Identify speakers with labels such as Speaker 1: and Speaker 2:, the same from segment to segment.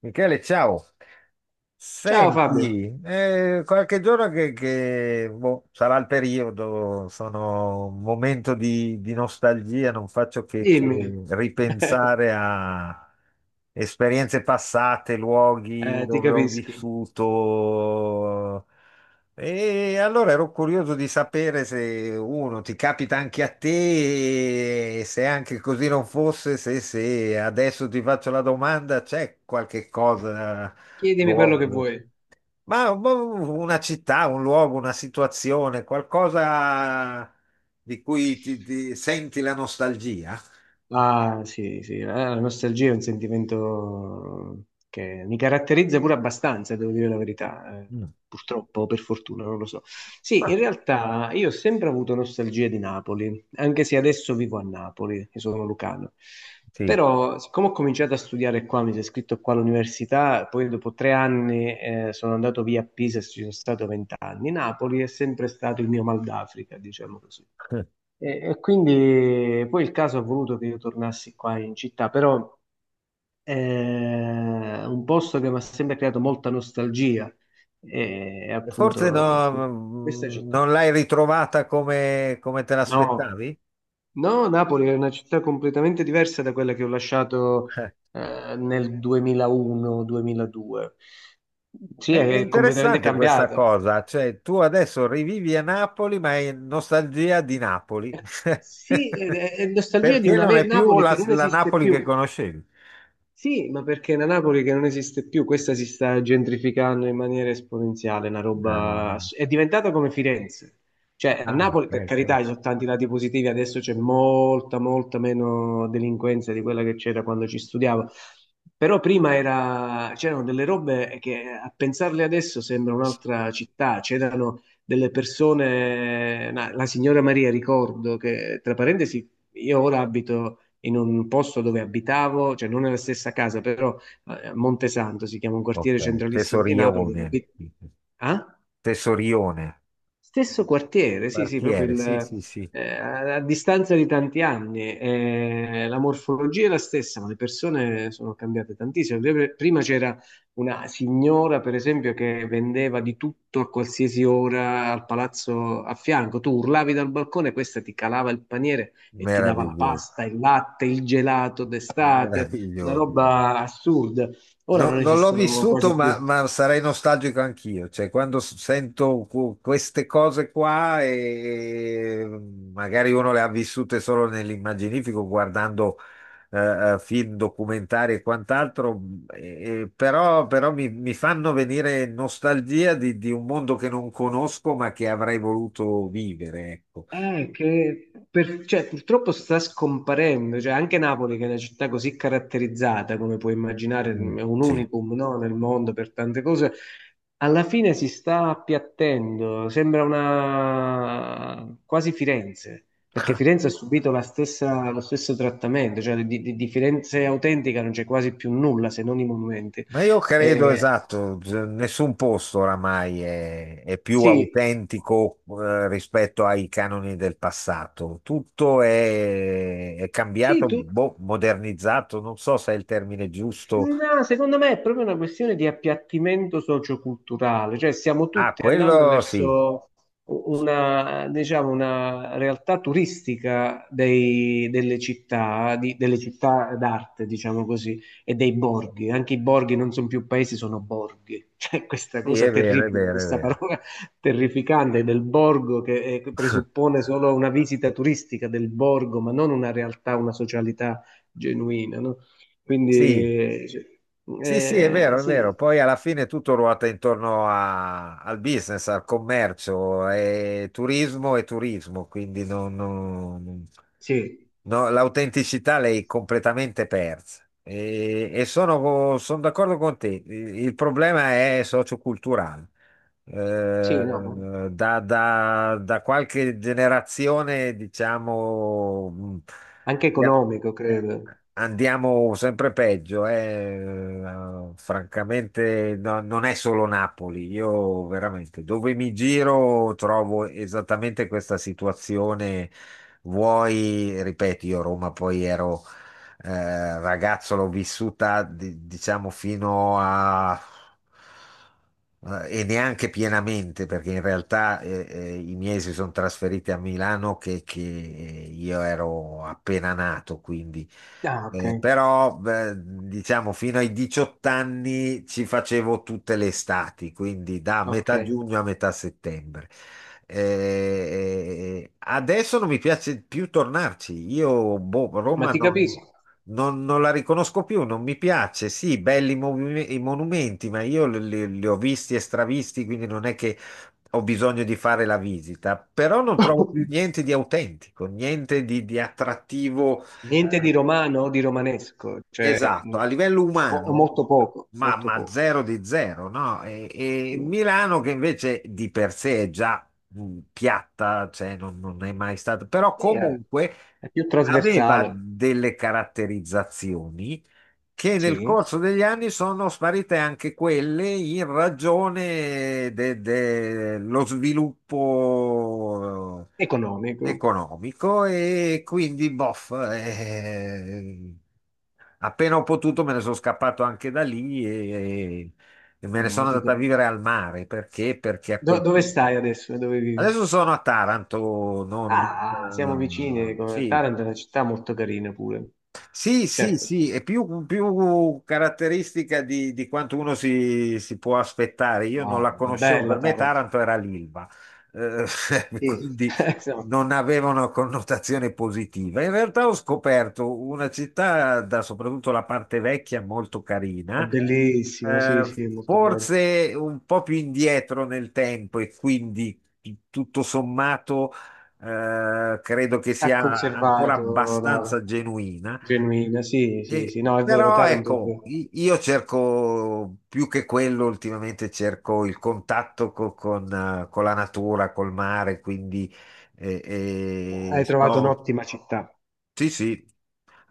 Speaker 1: Michele, ciao.
Speaker 2: Ciao Fabio,
Speaker 1: Senti, qualche giorno sarà il periodo, sono un momento di nostalgia, non faccio che
Speaker 2: dimmi.
Speaker 1: ripensare a esperienze passate, luoghi
Speaker 2: Ti
Speaker 1: dove ho
Speaker 2: capisco.
Speaker 1: vissuto. E allora ero curioso di sapere se uno ti capita anche a te, e se anche così non fosse, se adesso ti faccio la domanda, c'è qualche cosa
Speaker 2: Chiedimi quello che
Speaker 1: luogo.
Speaker 2: vuoi.
Speaker 1: Ma un- una città, un luogo, una situazione, qualcosa di cui ti senti la nostalgia?
Speaker 2: Ah, sì, sì, la nostalgia è un sentimento che mi caratterizza pure abbastanza, devo dire la verità,
Speaker 1: Mm.
Speaker 2: purtroppo, o per fortuna, non lo so. Sì, in
Speaker 1: Ah,
Speaker 2: realtà io ho sempre avuto nostalgia di Napoli, anche se adesso vivo a Napoli, io sono lucano.
Speaker 1: sì.
Speaker 2: Però, siccome ho cominciato a studiare qua, mi sono iscritto qua all'università, poi dopo tre anni sono andato via a Pisa e ci sono stato vent'anni. Napoli è sempre stato il mio mal d'Africa, diciamo così. E quindi poi il caso ha voluto che io tornassi qua in città, però è un posto che mi ha sempre creato molta nostalgia, è
Speaker 1: Forse
Speaker 2: appunto
Speaker 1: no,
Speaker 2: questa città.
Speaker 1: non l'hai ritrovata come, come te
Speaker 2: No,
Speaker 1: l'aspettavi?
Speaker 2: no, Napoli è una città completamente diversa da quella che ho lasciato
Speaker 1: Eh,
Speaker 2: nel 2001-2002. Sì,
Speaker 1: è
Speaker 2: è completamente
Speaker 1: interessante questa
Speaker 2: cambiata.
Speaker 1: cosa, cioè tu adesso rivivi a Napoli, ma hai nostalgia di Napoli,
Speaker 2: Sì, è nostalgia di
Speaker 1: perché
Speaker 2: una
Speaker 1: non è più
Speaker 2: Napoli che non
Speaker 1: la
Speaker 2: esiste
Speaker 1: Napoli che
Speaker 2: più.
Speaker 1: conoscevi.
Speaker 2: Sì, ma perché è una Napoli che non esiste più, questa si sta gentrificando in maniera esponenziale, una roba...
Speaker 1: Ehm,
Speaker 2: ass- è diventata come Firenze. Cioè, a
Speaker 1: ah,
Speaker 2: Napoli, per
Speaker 1: ok.
Speaker 2: carità, ci sono tanti lati positivi, adesso c'è molta, molta meno delinquenza di quella che c'era quando ci studiavo, però prima c'erano delle robe che a pensarle adesso sembra un'altra città, c'erano delle persone, la signora Maria ricordo che, tra parentesi, io ora abito in un posto dove abitavo, cioè non nella stessa casa, però a Montesanto si chiama un
Speaker 1: Ok,
Speaker 2: quartiere centralissimo di Napoli dove
Speaker 1: Tesorione,
Speaker 2: Ah?
Speaker 1: Tesorione,
Speaker 2: Stesso quartiere, sì, sì, proprio
Speaker 1: quartiere, sì,
Speaker 2: il,
Speaker 1: sì, sì,
Speaker 2: a distanza di tanti anni. La morfologia è la stessa, ma le persone sono cambiate tantissimo. Prima c'era una signora, per esempio, che vendeva di tutto a qualsiasi ora al palazzo a fianco. Tu urlavi dal balcone, questa ti calava il paniere e ti dava la
Speaker 1: meraviglioso,
Speaker 2: pasta, il latte, il gelato d'estate, una
Speaker 1: meraviglioso.
Speaker 2: roba assurda. Ora non
Speaker 1: Non l'ho
Speaker 2: esistono
Speaker 1: vissuto,
Speaker 2: quasi più.
Speaker 1: ma sarei nostalgico anch'io, cioè quando sento queste cose qua e magari uno le ha vissute solo nell'immaginifico guardando film, documentari e quant'altro, e però, però mi fanno venire nostalgia di un mondo che non conosco ma che avrei voluto vivere, ecco.
Speaker 2: Cioè, purtroppo sta scomparendo, cioè, anche Napoli, che è una città così caratterizzata, come puoi immaginare, è
Speaker 1: Mm,
Speaker 2: un
Speaker 1: sì.
Speaker 2: unicum, no, nel mondo per tante cose, alla fine si sta appiattendo, sembra una quasi Firenze, perché Firenze ha subito la lo stesso trattamento, cioè di Firenze autentica non c'è quasi più nulla se non i monumenti.
Speaker 1: Ma io credo,
Speaker 2: Eh,
Speaker 1: esatto, nessun posto oramai è più
Speaker 2: sì,
Speaker 1: autentico rispetto ai canoni del passato. Tutto è
Speaker 2: sì,
Speaker 1: cambiato,
Speaker 2: tu.
Speaker 1: boh, modernizzato, non so se è il termine giusto.
Speaker 2: No, secondo me è proprio una questione di appiattimento socioculturale, cioè stiamo
Speaker 1: Ah,
Speaker 2: tutti andando
Speaker 1: quello sì,
Speaker 2: verso una, diciamo, una realtà turistica delle città, delle città d'arte, diciamo così, e dei borghi. Anche i borghi non sono più paesi, sono borghi. Cioè questa
Speaker 1: sì, è
Speaker 2: cosa
Speaker 1: vero, è
Speaker 2: terribile,
Speaker 1: vero, è
Speaker 2: questa
Speaker 1: vero.
Speaker 2: parola terrificante del borgo che presuppone solo una visita turistica del borgo, ma non una realtà, una socialità genuina, no?
Speaker 1: Sì,
Speaker 2: Quindi sì.
Speaker 1: sì, sì, è
Speaker 2: eh,
Speaker 1: vero, è vero.
Speaker 2: sì,
Speaker 1: Poi alla fine tutto ruota intorno al business, al commercio, e turismo, quindi
Speaker 2: sì,
Speaker 1: no, l'autenticità l'hai completamente persa. E sono, sono d'accordo con te, il problema è socioculturale. Eh,
Speaker 2: sì, no,
Speaker 1: da qualche generazione, diciamo,
Speaker 2: anche economico, credo.
Speaker 1: andiamo sempre peggio, eh. Francamente non è solo Napoli, io veramente dove mi giro trovo esattamente questa situazione. Vuoi, ripeto, io a Roma poi ero ragazzo, l'ho vissuta, diciamo, fino a... e neanche pienamente, perché in realtà i miei si sono trasferiti a Milano che io ero appena nato, quindi...
Speaker 2: Ah, ok.
Speaker 1: Però, beh, diciamo, fino ai 18 anni ci facevo tutte le estati, quindi da
Speaker 2: Ok,
Speaker 1: metà giugno a metà settembre. Adesso non mi piace più tornarci. Io, boh,
Speaker 2: ma
Speaker 1: Roma
Speaker 2: ti capisco.
Speaker 1: non la riconosco più, non mi piace. Sì, belli i monumenti, ma io li ho visti e stravisti, quindi non è che ho bisogno di fare la visita, però non trovo più niente di autentico, niente di attrattivo,
Speaker 2: Niente
Speaker 1: eh,
Speaker 2: di romano o di romanesco, cioè,
Speaker 1: esatto, a livello
Speaker 2: o
Speaker 1: umano,
Speaker 2: molto poco, molto
Speaker 1: ma
Speaker 2: poco.
Speaker 1: zero di zero, no? E
Speaker 2: Sì.
Speaker 1: Milano che invece di per sé è già piatta, cioè non è mai stata, però
Speaker 2: Sì,
Speaker 1: comunque
Speaker 2: è più
Speaker 1: aveva
Speaker 2: trasversale,
Speaker 1: delle caratterizzazioni che nel
Speaker 2: sì,
Speaker 1: corso degli anni sono sparite anche quelle in ragione dello sviluppo
Speaker 2: economico.
Speaker 1: economico e quindi boff. Appena ho potuto me ne sono scappato anche da lì e me ne
Speaker 2: Ah,
Speaker 1: sono
Speaker 2: ti
Speaker 1: andato a vivere
Speaker 2: capisco.
Speaker 1: al mare. Perché? Perché a quel
Speaker 2: Dove
Speaker 1: punto...
Speaker 2: stai adesso? Dove vivi?
Speaker 1: Adesso sono a Taranto, non,
Speaker 2: Ah, siamo vicini,
Speaker 1: sì,
Speaker 2: Taranto è una città molto carina pure.
Speaker 1: sì, sì,
Speaker 2: Certo.
Speaker 1: sì, è più, più caratteristica di quanto uno si può aspettare. Io non la
Speaker 2: Wow, è
Speaker 1: conoscevo, per
Speaker 2: bella
Speaker 1: me
Speaker 2: Taranto.
Speaker 1: Taranto era l'Ilva, eh,
Speaker 2: Sì,
Speaker 1: quindi
Speaker 2: insomma,
Speaker 1: non aveva una connotazione positiva. In realtà ho scoperto una città, da, soprattutto la parte vecchia, molto
Speaker 2: è
Speaker 1: carina,
Speaker 2: bellissima, sì,
Speaker 1: eh,
Speaker 2: sì, molto bella.
Speaker 1: forse un po' più indietro nel tempo e quindi tutto sommato credo che
Speaker 2: Ha
Speaker 1: sia ancora
Speaker 2: conservato la
Speaker 1: abbastanza genuina.
Speaker 2: genuina, sì, sì, sì, no, è vero,
Speaker 1: Però
Speaker 2: Taranto è
Speaker 1: ecco,
Speaker 2: vero.
Speaker 1: io cerco più che quello ultimamente, cerco il contatto con con la natura, col mare, quindi eh,
Speaker 2: Hai trovato
Speaker 1: sto...
Speaker 2: un'ottima città.
Speaker 1: Sì, sì,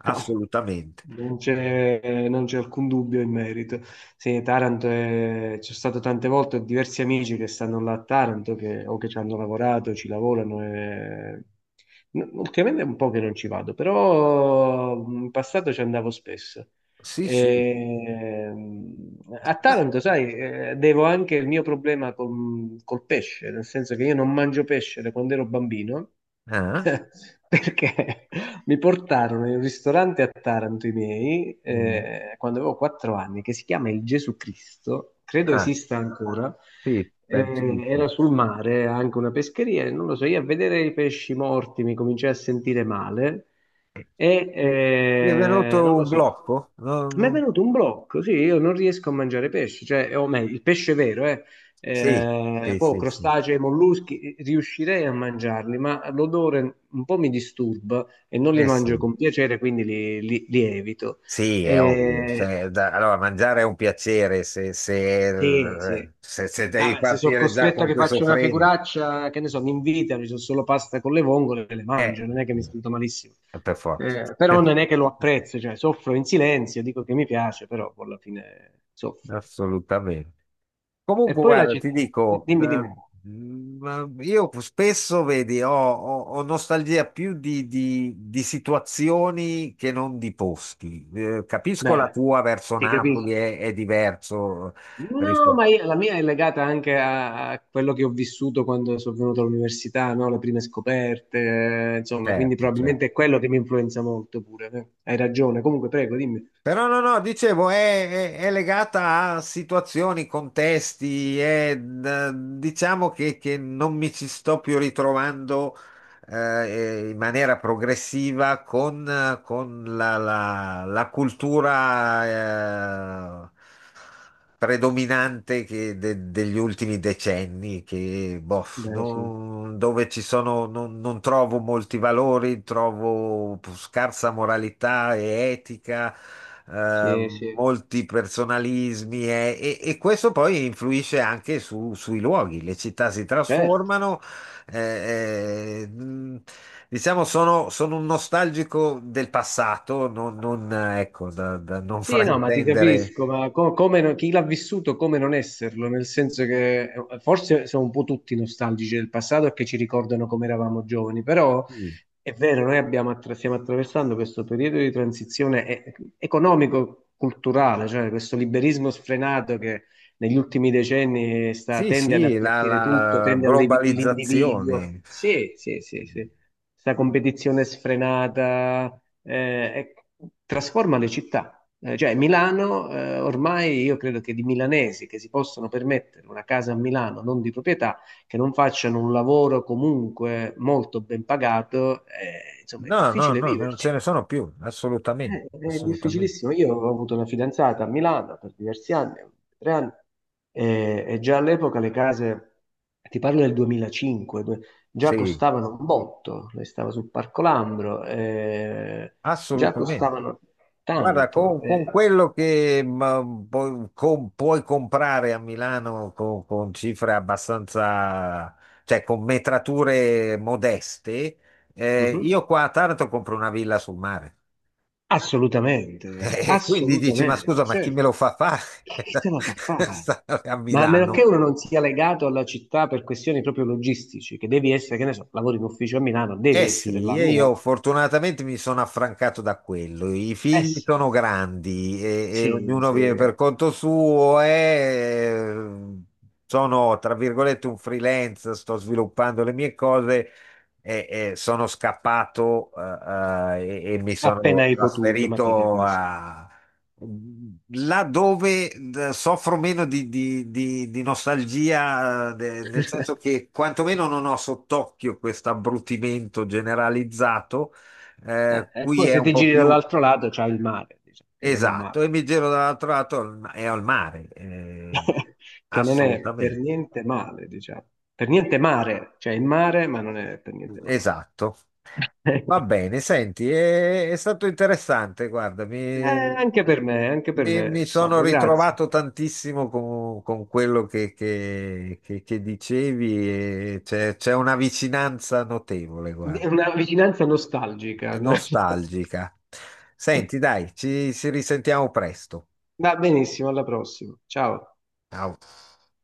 Speaker 2: Non c'è alcun dubbio in merito. Sì, c'è stato tante volte, ho diversi amici che stanno là a Taranto o che ci hanno lavorato, ci lavorano. Ultimamente è un po' che non ci vado, però in passato ci andavo spesso.
Speaker 1: Sì, sì.
Speaker 2: Ehm, a
Speaker 1: Ma-
Speaker 2: Taranto, sai, devo anche il mio problema col pesce, nel senso che io non mangio pesce da quando ero bambino,
Speaker 1: Ah,
Speaker 2: perché mi portarono in un ristorante a Taranto i miei,
Speaker 1: mm.
Speaker 2: quando avevo quattro anni, che si chiama il Gesù Cristo, credo
Speaker 1: Ah,
Speaker 2: esista ancora.
Speaker 1: sì, penso di sì.
Speaker 2: Era sul mare anche una pescheria, e non lo so, io a vedere i pesci morti mi cominciai a sentire male e
Speaker 1: Ti è venuto
Speaker 2: non lo
Speaker 1: un
Speaker 2: so.
Speaker 1: blocco? No,
Speaker 2: Mi è
Speaker 1: no.
Speaker 2: venuto un blocco, sì, io non riesco a mangiare pesce, cioè, o meglio, il pesce vero, eh.
Speaker 1: Sì,
Speaker 2: Eh,
Speaker 1: sì,
Speaker 2: poi
Speaker 1: sì, sì.
Speaker 2: crostacei, molluschi, riuscirei a mangiarli, ma l'odore un po' mi disturba e non li mangio
Speaker 1: Sì.
Speaker 2: con piacere, quindi li evito.
Speaker 1: Sì, è ovvio.
Speaker 2: Eh,
Speaker 1: Allora, mangiare è un piacere
Speaker 2: sì, sì.
Speaker 1: se devi
Speaker 2: Ah, beh, se sono
Speaker 1: partire già
Speaker 2: costretto a
Speaker 1: con
Speaker 2: che
Speaker 1: questo
Speaker 2: faccio una
Speaker 1: freno,
Speaker 2: figuraccia, che ne so, mi invitano, ci sono solo pasta con le vongole, e le
Speaker 1: eh,
Speaker 2: mangio, non è che mi sento malissimo.
Speaker 1: per forza.
Speaker 2: Però non è che lo apprezzo, cioè soffro in silenzio, dico che mi piace, però poi alla fine soffro.
Speaker 1: Assolutamente.
Speaker 2: E
Speaker 1: Comunque,
Speaker 2: poi la
Speaker 1: guarda, ti
Speaker 2: città.
Speaker 1: dico,
Speaker 2: Dimmi, dimmi.
Speaker 1: io spesso, vedi, ho nostalgia più di situazioni che non di posti. Capisco la
Speaker 2: Beh,
Speaker 1: tua verso
Speaker 2: ti
Speaker 1: Napoli
Speaker 2: capisco.
Speaker 1: è diverso
Speaker 2: No, ma
Speaker 1: rispetto...
Speaker 2: la mia è legata anche a quello che ho vissuto quando sono venuto all'università, no? Le prime scoperte, insomma, quindi
Speaker 1: Certo, certo.
Speaker 2: probabilmente è quello che mi influenza molto pure. Hai ragione. Comunque, prego, dimmi.
Speaker 1: Però no, no, dicevo, è, è legata a situazioni, contesti, è, diciamo che non mi ci sto più ritrovando in maniera progressiva con con la cultura predominante che degli ultimi decenni, che, boh,
Speaker 2: Beh, sì.
Speaker 1: dove ci sono, non trovo molti valori, trovo scarsa moralità e etica.
Speaker 2: Sì, sì.
Speaker 1: Molti personalismi e, e questo poi influisce anche sui luoghi, le città si
Speaker 2: Certo.
Speaker 1: trasformano, eh, eh, mh, diciamo, sono un nostalgico del passato, non, non, ecco, da non
Speaker 2: Sì, no, ma ti
Speaker 1: fraintendere.
Speaker 2: capisco, ma co- come non- chi l'ha vissuto, come non esserlo? Nel senso che forse sono un po' tutti nostalgici del passato e che ci ricordano come eravamo giovani, però
Speaker 1: Sì,
Speaker 2: è vero, noi abbiamo stiamo attraversando questo periodo di transizione economico-culturale, cioè questo liberismo sfrenato che negli ultimi decenni
Speaker 1: sì,
Speaker 2: tende ad
Speaker 1: sì,
Speaker 2: appiattire tutto,
Speaker 1: la
Speaker 2: tende all'individuo.
Speaker 1: globalizzazione.
Speaker 2: Sì, sì, sì, sì. Questa competizione sfrenata trasforma le città, cioè Milano, ormai io credo che di milanesi che si possono permettere una casa a Milano non di proprietà, che non facciano un lavoro comunque molto ben pagato, insomma è
Speaker 1: No, no,
Speaker 2: difficile
Speaker 1: no, non ce
Speaker 2: viverci.
Speaker 1: ne sono più, assolutamente,
Speaker 2: È
Speaker 1: assolutamente.
Speaker 2: difficilissimo. Io ho avuto una fidanzata a Milano per diversi anni, tre anni, e, già all'epoca le case, ti parlo del 2005, già
Speaker 1: Sì,
Speaker 2: costavano un botto, lei stava sul Parco Lambro, già
Speaker 1: assolutamente.
Speaker 2: costavano
Speaker 1: Guarda,
Speaker 2: tanto.
Speaker 1: con quello che puoi comprare a Milano con cifre abbastanza, cioè con metrature modeste,
Speaker 2: Mhm.
Speaker 1: io qua a Taranto compro una villa sul mare.
Speaker 2: Assolutamente,
Speaker 1: E quindi dici, ma scusa,
Speaker 2: assolutamente,
Speaker 1: ma chi me
Speaker 2: certo.
Speaker 1: lo fa fare?
Speaker 2: Chi te la fa fare?
Speaker 1: Stare a
Speaker 2: Ma a meno
Speaker 1: Milano?
Speaker 2: che uno non sia legato alla città per questioni proprio logistici, che devi essere, che ne so, lavori in ufficio a Milano, devi
Speaker 1: Eh
Speaker 2: essere là
Speaker 1: sì,
Speaker 2: a
Speaker 1: e io
Speaker 2: Milano.
Speaker 1: fortunatamente mi sono affrancato da quello. I
Speaker 2: Eh
Speaker 1: figli
Speaker 2: sì,
Speaker 1: sono grandi e
Speaker 2: sì,
Speaker 1: ognuno
Speaker 2: sì,
Speaker 1: vive per conto suo e sono, tra virgolette, un freelance, sto sviluppando le mie cose e sono scappato e mi
Speaker 2: appena
Speaker 1: sono
Speaker 2: hai potuto, ma ti
Speaker 1: trasferito
Speaker 2: capisco.
Speaker 1: a, là dove soffro meno di nostalgia, nel senso che quantomeno non ho sott'occhio questo abbrutimento generalizzato,
Speaker 2: Eh, e
Speaker 1: qui
Speaker 2: poi
Speaker 1: è
Speaker 2: se
Speaker 1: un
Speaker 2: ti
Speaker 1: po'
Speaker 2: giri
Speaker 1: più
Speaker 2: dall'altro lato c'è il mare, diciamo, che non è
Speaker 1: esatto,
Speaker 2: male.
Speaker 1: e mi giro dall'altro lato e al mare,
Speaker 2: Che non è per
Speaker 1: assolutamente.
Speaker 2: niente male, diciamo. Per niente mare, cioè il mare, ma non è per niente male.
Speaker 1: Esatto. Va bene, senti, è stato interessante, guarda,
Speaker 2: Eh, anche per me, anche per
Speaker 1: mi
Speaker 2: me,
Speaker 1: sono
Speaker 2: Fabio, grazie.
Speaker 1: ritrovato tantissimo con quello che dicevi e c'è una vicinanza notevole,
Speaker 2: È
Speaker 1: guarda,
Speaker 2: una vicinanza
Speaker 1: è
Speaker 2: nostalgica.
Speaker 1: nostalgica. Senti, dai, ci risentiamo presto.
Speaker 2: Va benissimo, alla prossima. Ciao.
Speaker 1: Ciao.